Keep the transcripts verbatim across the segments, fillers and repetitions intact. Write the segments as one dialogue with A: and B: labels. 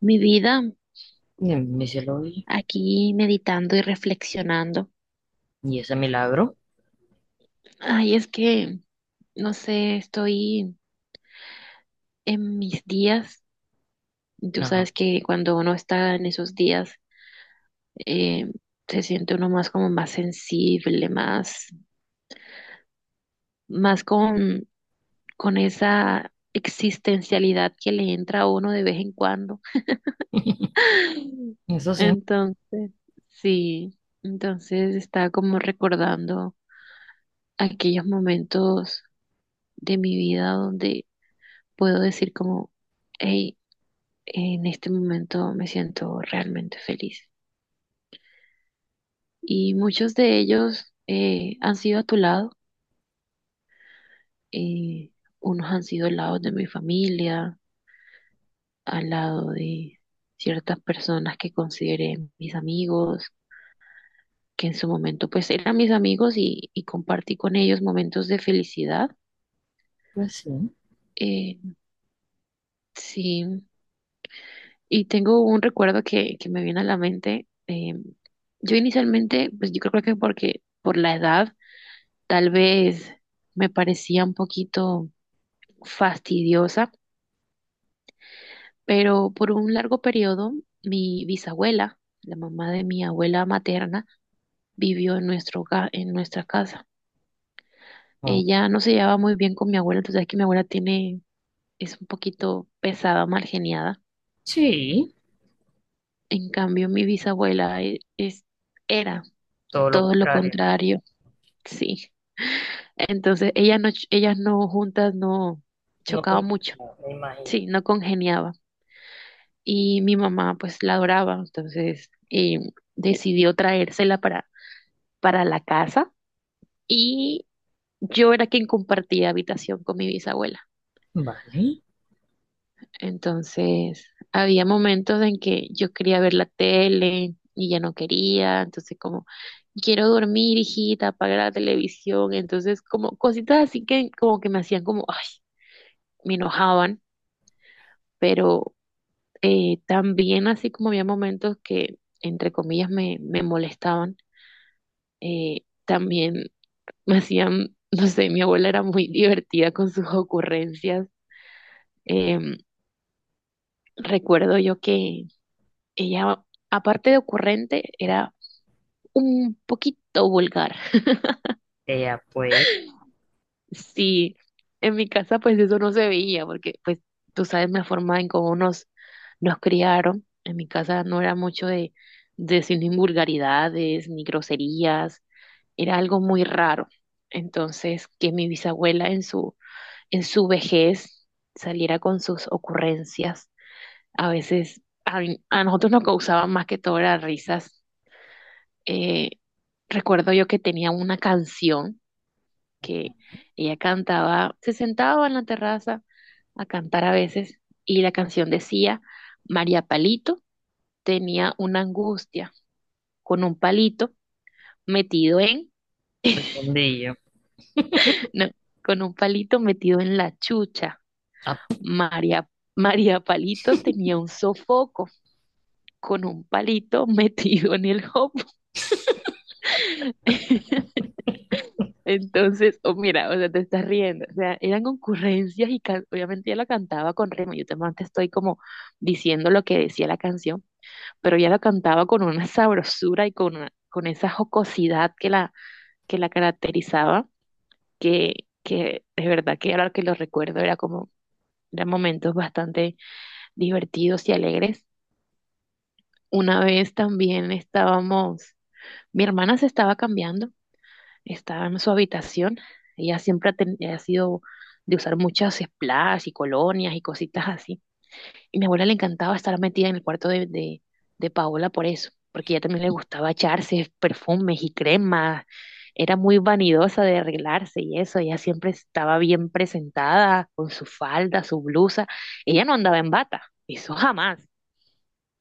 A: Mi vida
B: Y a mí se lo vi.
A: aquí meditando y reflexionando.
B: Y ese milagro,
A: Ay, es que, no sé, estoy en mis días. Tú
B: ajá.
A: sabes que cuando uno está en esos días, eh, se siente uno más como más sensible, más, más con, con esa existencialidad que le entra a uno de vez en cuando.
B: Eso sí,
A: Entonces, sí, entonces estaba como recordando aquellos momentos de mi vida donde puedo decir como, hey, en este momento me siento realmente feliz. Y muchos de ellos eh, han sido a tu lado, eh, unos han sido al lado de mi familia, al lado de ciertas personas que consideré mis amigos, que en su momento pues eran mis amigos y, y compartí con ellos momentos de felicidad.
B: pues sí.
A: Eh, sí, y tengo un recuerdo que, que me viene a la mente. eh, yo inicialmente, pues yo creo que porque por la edad tal vez me parecía un poquito fastidiosa, pero por un largo periodo mi bisabuela, la mamá de mi abuela materna, vivió en nuestro, hogar- en nuestra casa.
B: Ah,
A: Ella no se llevaba muy bien con mi abuela, entonces es que mi abuela tiene, es un poquito pesada, malgeniada.
B: sí,
A: En cambio, mi bisabuela e- es, era
B: todo lo
A: todo lo
B: contrario.
A: contrario, sí. Entonces, ellas no, ch- ellas no juntas no
B: No
A: chocaban mucho,
B: confundía, me imagino.
A: sí, no congeniaban. Y mi mamá pues la adoraba, entonces eh, decidió traérsela para, para la casa y yo era quien compartía habitación con mi bisabuela.
B: Vale,
A: Entonces había momentos en que yo quería ver la tele y ya no quería, entonces como quiero dormir, hijita, apaga la televisión, entonces como cositas así que como que me hacían como, ay, me enojaban, pero eh, también así como había momentos que entre comillas me, me molestaban eh, también me hacían, no sé, mi abuela era muy divertida con sus ocurrencias. Em, recuerdo yo que ella, aparte de ocurrente, era un poquito vulgar.
B: ella pues,
A: Sí, en mi casa pues eso no se veía porque pues tú sabes la forma en cómo nos, nos criaron. En mi casa no era mucho de, de decir ni vulgaridades ni groserías, era algo muy raro. Entonces, que mi bisabuela en su en su vejez saliera con sus ocurrencias. A veces a, a nosotros nos causaban más que todo las risas. Eh, recuerdo yo que tenía una canción que ella cantaba, se sentaba en la terraza a cantar a veces y la canción decía, María Palito tenía una angustia con un palito metido en,
B: el fondillo.
A: no, con un palito metido en la chucha.
B: Ah,
A: María, María Palito tenía un sofoco con un palito metido en el hop. Entonces, oh, mira, o sea, te estás riendo. O sea, eran concurrencias y can- obviamente ya la cantaba con ritmo. Yo te te estoy como diciendo lo que decía la canción, pero ya la cantaba con una sabrosura y con, una- con esa jocosidad que la, que la caracterizaba, que, que de verdad que ahora que lo recuerdo era como, eran momentos bastante divertidos y alegres. Una vez también estábamos, mi hermana se estaba cambiando. Estaba en su habitación. Ella siempre ha, ten- ha sido de usar muchas splash y colonias y cositas así. Y mi abuela le encantaba estar metida en el cuarto de, de, de Paola por eso, porque ella también le gustaba echarse perfumes y cremas. Era muy vanidosa de arreglarse y eso. Ella siempre estaba bien presentada con su falda, su blusa. Ella no andaba en bata, eso jamás.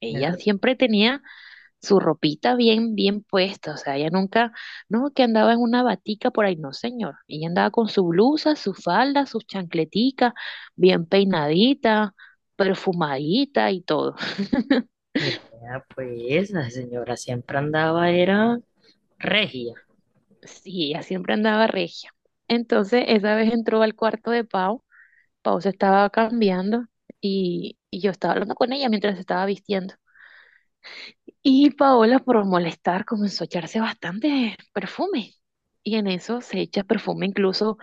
A: Ella
B: eso.
A: siempre tenía su ropita bien, bien puesta, o sea, ella nunca, no, que andaba en una batica por ahí, no, señor, ella andaba con su blusa, su falda, sus chancleticas, bien peinadita, perfumadita y todo.
B: Ella pues, la señora siempre andaba, era regia.
A: Sí, ella siempre andaba regia. Entonces, esa vez entró al cuarto de Pau, Pau se estaba cambiando y, y yo estaba hablando con ella mientras se estaba vistiendo. Y Paola, por molestar, comenzó a echarse bastante perfume. Y en eso se echa perfume incluso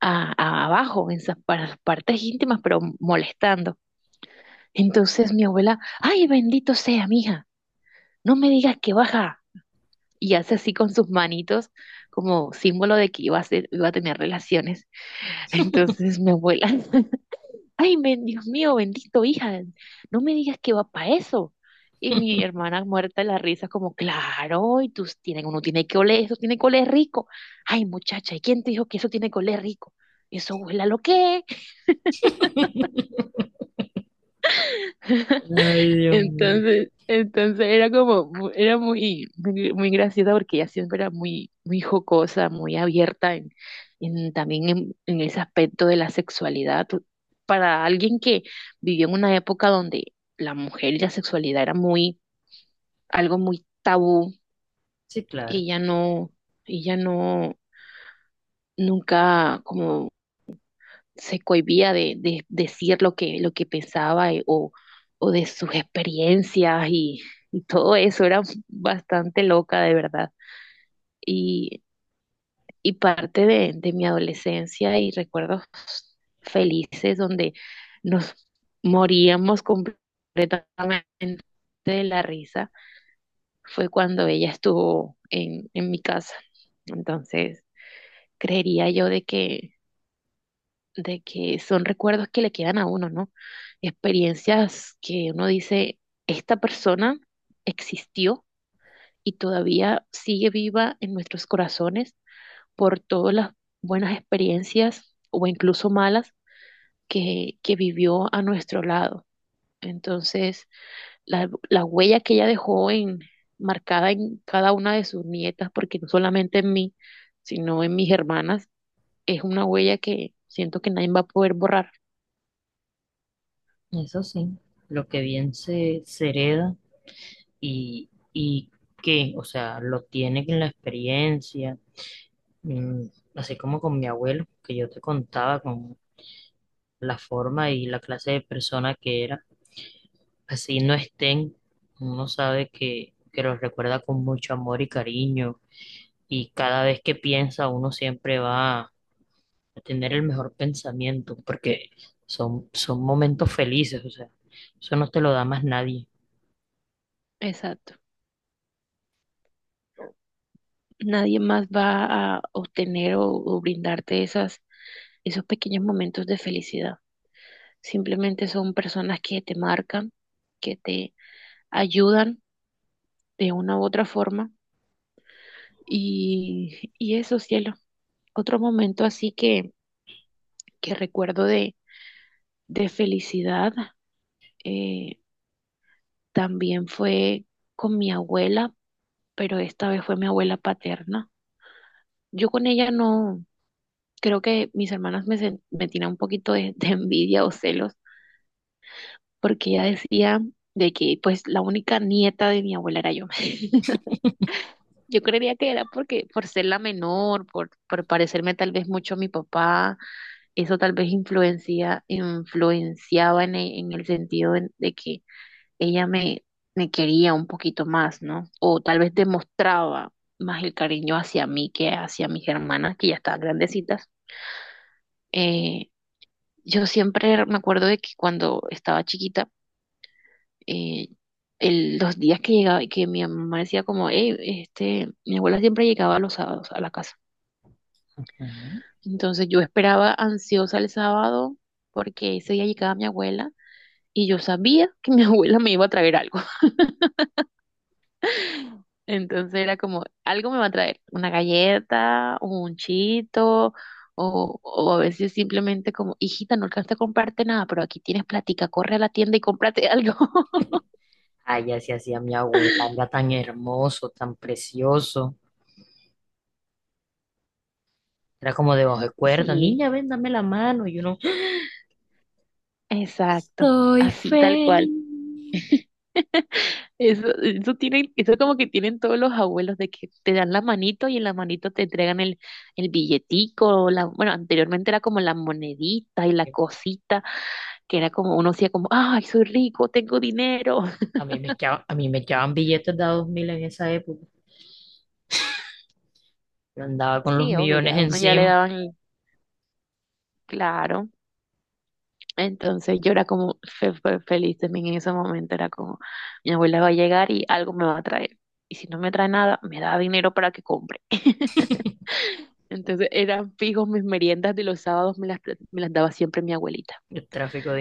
A: a, a- abajo, en esas para las partes íntimas, pero molestando. Entonces mi abuela, ay, bendito sea, mija, no me digas que baja. Y hace así con sus manitos como símbolo de que iba a ser- iba a tener relaciones. Entonces mi abuela Ay, men- Dios mío, bendito, hija, no me digas que va para eso. Y mi hermana muerta de la risa, como, claro, y tú tienen, uno tiene que oler, eso tiene que oler rico. Ay, muchacha, ¿y quién te dijo que eso tiene que oler rico? Eso huele a lo que es.
B: Ay, Dios mío.
A: Entonces, entonces era como, mu- era muy, muy, muy graciosa porque ella siempre era muy, muy jocosa, muy abierta en, en- también en, en ese aspecto de la sexualidad. Tú- Para alguien que vivió en una época donde la mujer y la sexualidad era muy, algo muy tabú,
B: Sí, claro,
A: ella no, ella no, nunca como se cohibía de, de decir lo que, lo que pensaba eh, o, o de sus experiencias y, y todo eso. Era bastante loca, de verdad. Y, y parte de, de mi adolescencia y recuerdos felices donde nos moríamos completamente de la risa fue cuando ella estuvo en, en mi casa. Entonces, creería yo de que de que son recuerdos que le quedan a uno, ¿no? Experiencias que uno dice, esta persona existió y todavía sigue viva en nuestros corazones por todas las buenas experiencias o incluso malas que, que vivió a nuestro lado. Entonces, la, la huella que ella dejó en, marcada en cada una de sus nietas, porque no solamente en mí, sino en mis hermanas, es una huella que siento que nadie va a poder borrar.
B: eso sí, lo que bien se, se hereda y, y qué, o sea, lo tiene en la experiencia, mm, así como con mi abuelo, que yo te contaba con la forma y la clase de persona que era. Así no estén, uno sabe que, que los recuerda con mucho amor y cariño, y cada vez que piensa uno siempre va a tener el mejor pensamiento, porque son, son momentos felices, o sea, eso no te lo da más nadie.
A: Exacto. Nadie más va a obtener o, o brindarte esas, esos pequeños momentos de felicidad. Simplemente son personas que te marcan, que te ayudan de una u otra forma. Y, y eso, cielo. Otro momento así que, que recuerdo de, de felicidad eh, también fue con mi abuela, pero esta vez fue mi abuela paterna. Yo con ella no, creo que mis hermanas me, sen- me tiran un poquito de de envidia o celos porque ella decía de que pues la única nieta de mi abuela era yo. Yo creería que era porque por ser la menor, por, por parecerme tal vez mucho a mi papá, eso tal vez influencia, influenciaba en, e- en el sentido en- de que ella me, me quería un poquito más, ¿no? O tal vez demostraba más el cariño hacia mí que hacia mis hermanas, que ya estaban grandecitas. Eh, yo siempre me acuerdo de que cuando estaba chiquita, eh, el- los días que llegaba, que mi mamá decía como, hey, este, mi abuela siempre llegaba los sábados a la casa.
B: Ujú.
A: Entonces yo esperaba ansiosa el sábado porque ese día llegaba mi abuela y yo sabía que mi abuela me iba a traer algo. Entonces era como, algo me va a traer, una galleta, un chito. O, o a veces simplemente como, hijita, no alcanzaste a comprarte nada, pero aquí tienes platica, corre a la tienda y cómprate algo.
B: Ay, así hacía mi abuela, era tan hermoso, tan precioso. Era como de bajo de cuerda,
A: Sí,
B: niña, ven, dame la mano. Y uno,
A: exacto,
B: soy
A: así tal cual.
B: feliz.
A: Eso, eso tienen, eso como que tienen todos los abuelos de que te dan la manito y en la manito te entregan el, el billetico, la, bueno, anteriormente era como la monedita y la cosita, que era como uno hacía como, ay, soy rico, tengo dinero.
B: A mí me echaban, a mí me echaban billetes de a dos mil en esa época. Yo andaba con los
A: Sí, obvio,
B: millones
A: ya uno ya le
B: encima.
A: daban, el- claro. Entonces yo era como fe- fe- feliz también en ese momento, era como, mi abuela va a llegar y algo me va a traer. Y si no me trae nada, me da dinero para que compre. Entonces eran fijos mis meriendas de los sábados, me las, pla- me las daba siempre mi abuelita.
B: El tráfico de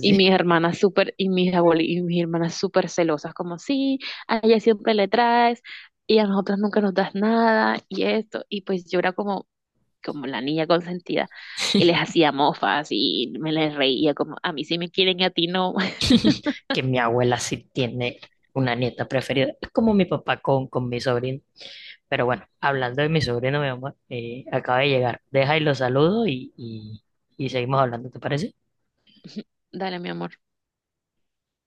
A: Y mis hermanas súper, y mis abueli- y mis hermanas súper celosas, como, sí, a ella siempre le traes, y a nosotras nunca nos das nada, y esto. Y pues yo era como, como la niña consentida, y les hacía mofas, y me les reía, como, a mí sí me quieren y a ti no.
B: Que mi abuela sí tiene una nieta preferida. Es como mi papá con, con mi sobrino. Pero bueno, hablando de mi sobrino, mi amor, eh, acaba de llegar. Deja y lo saludo y, y, y seguimos hablando, ¿te parece?
A: Dale, mi amor.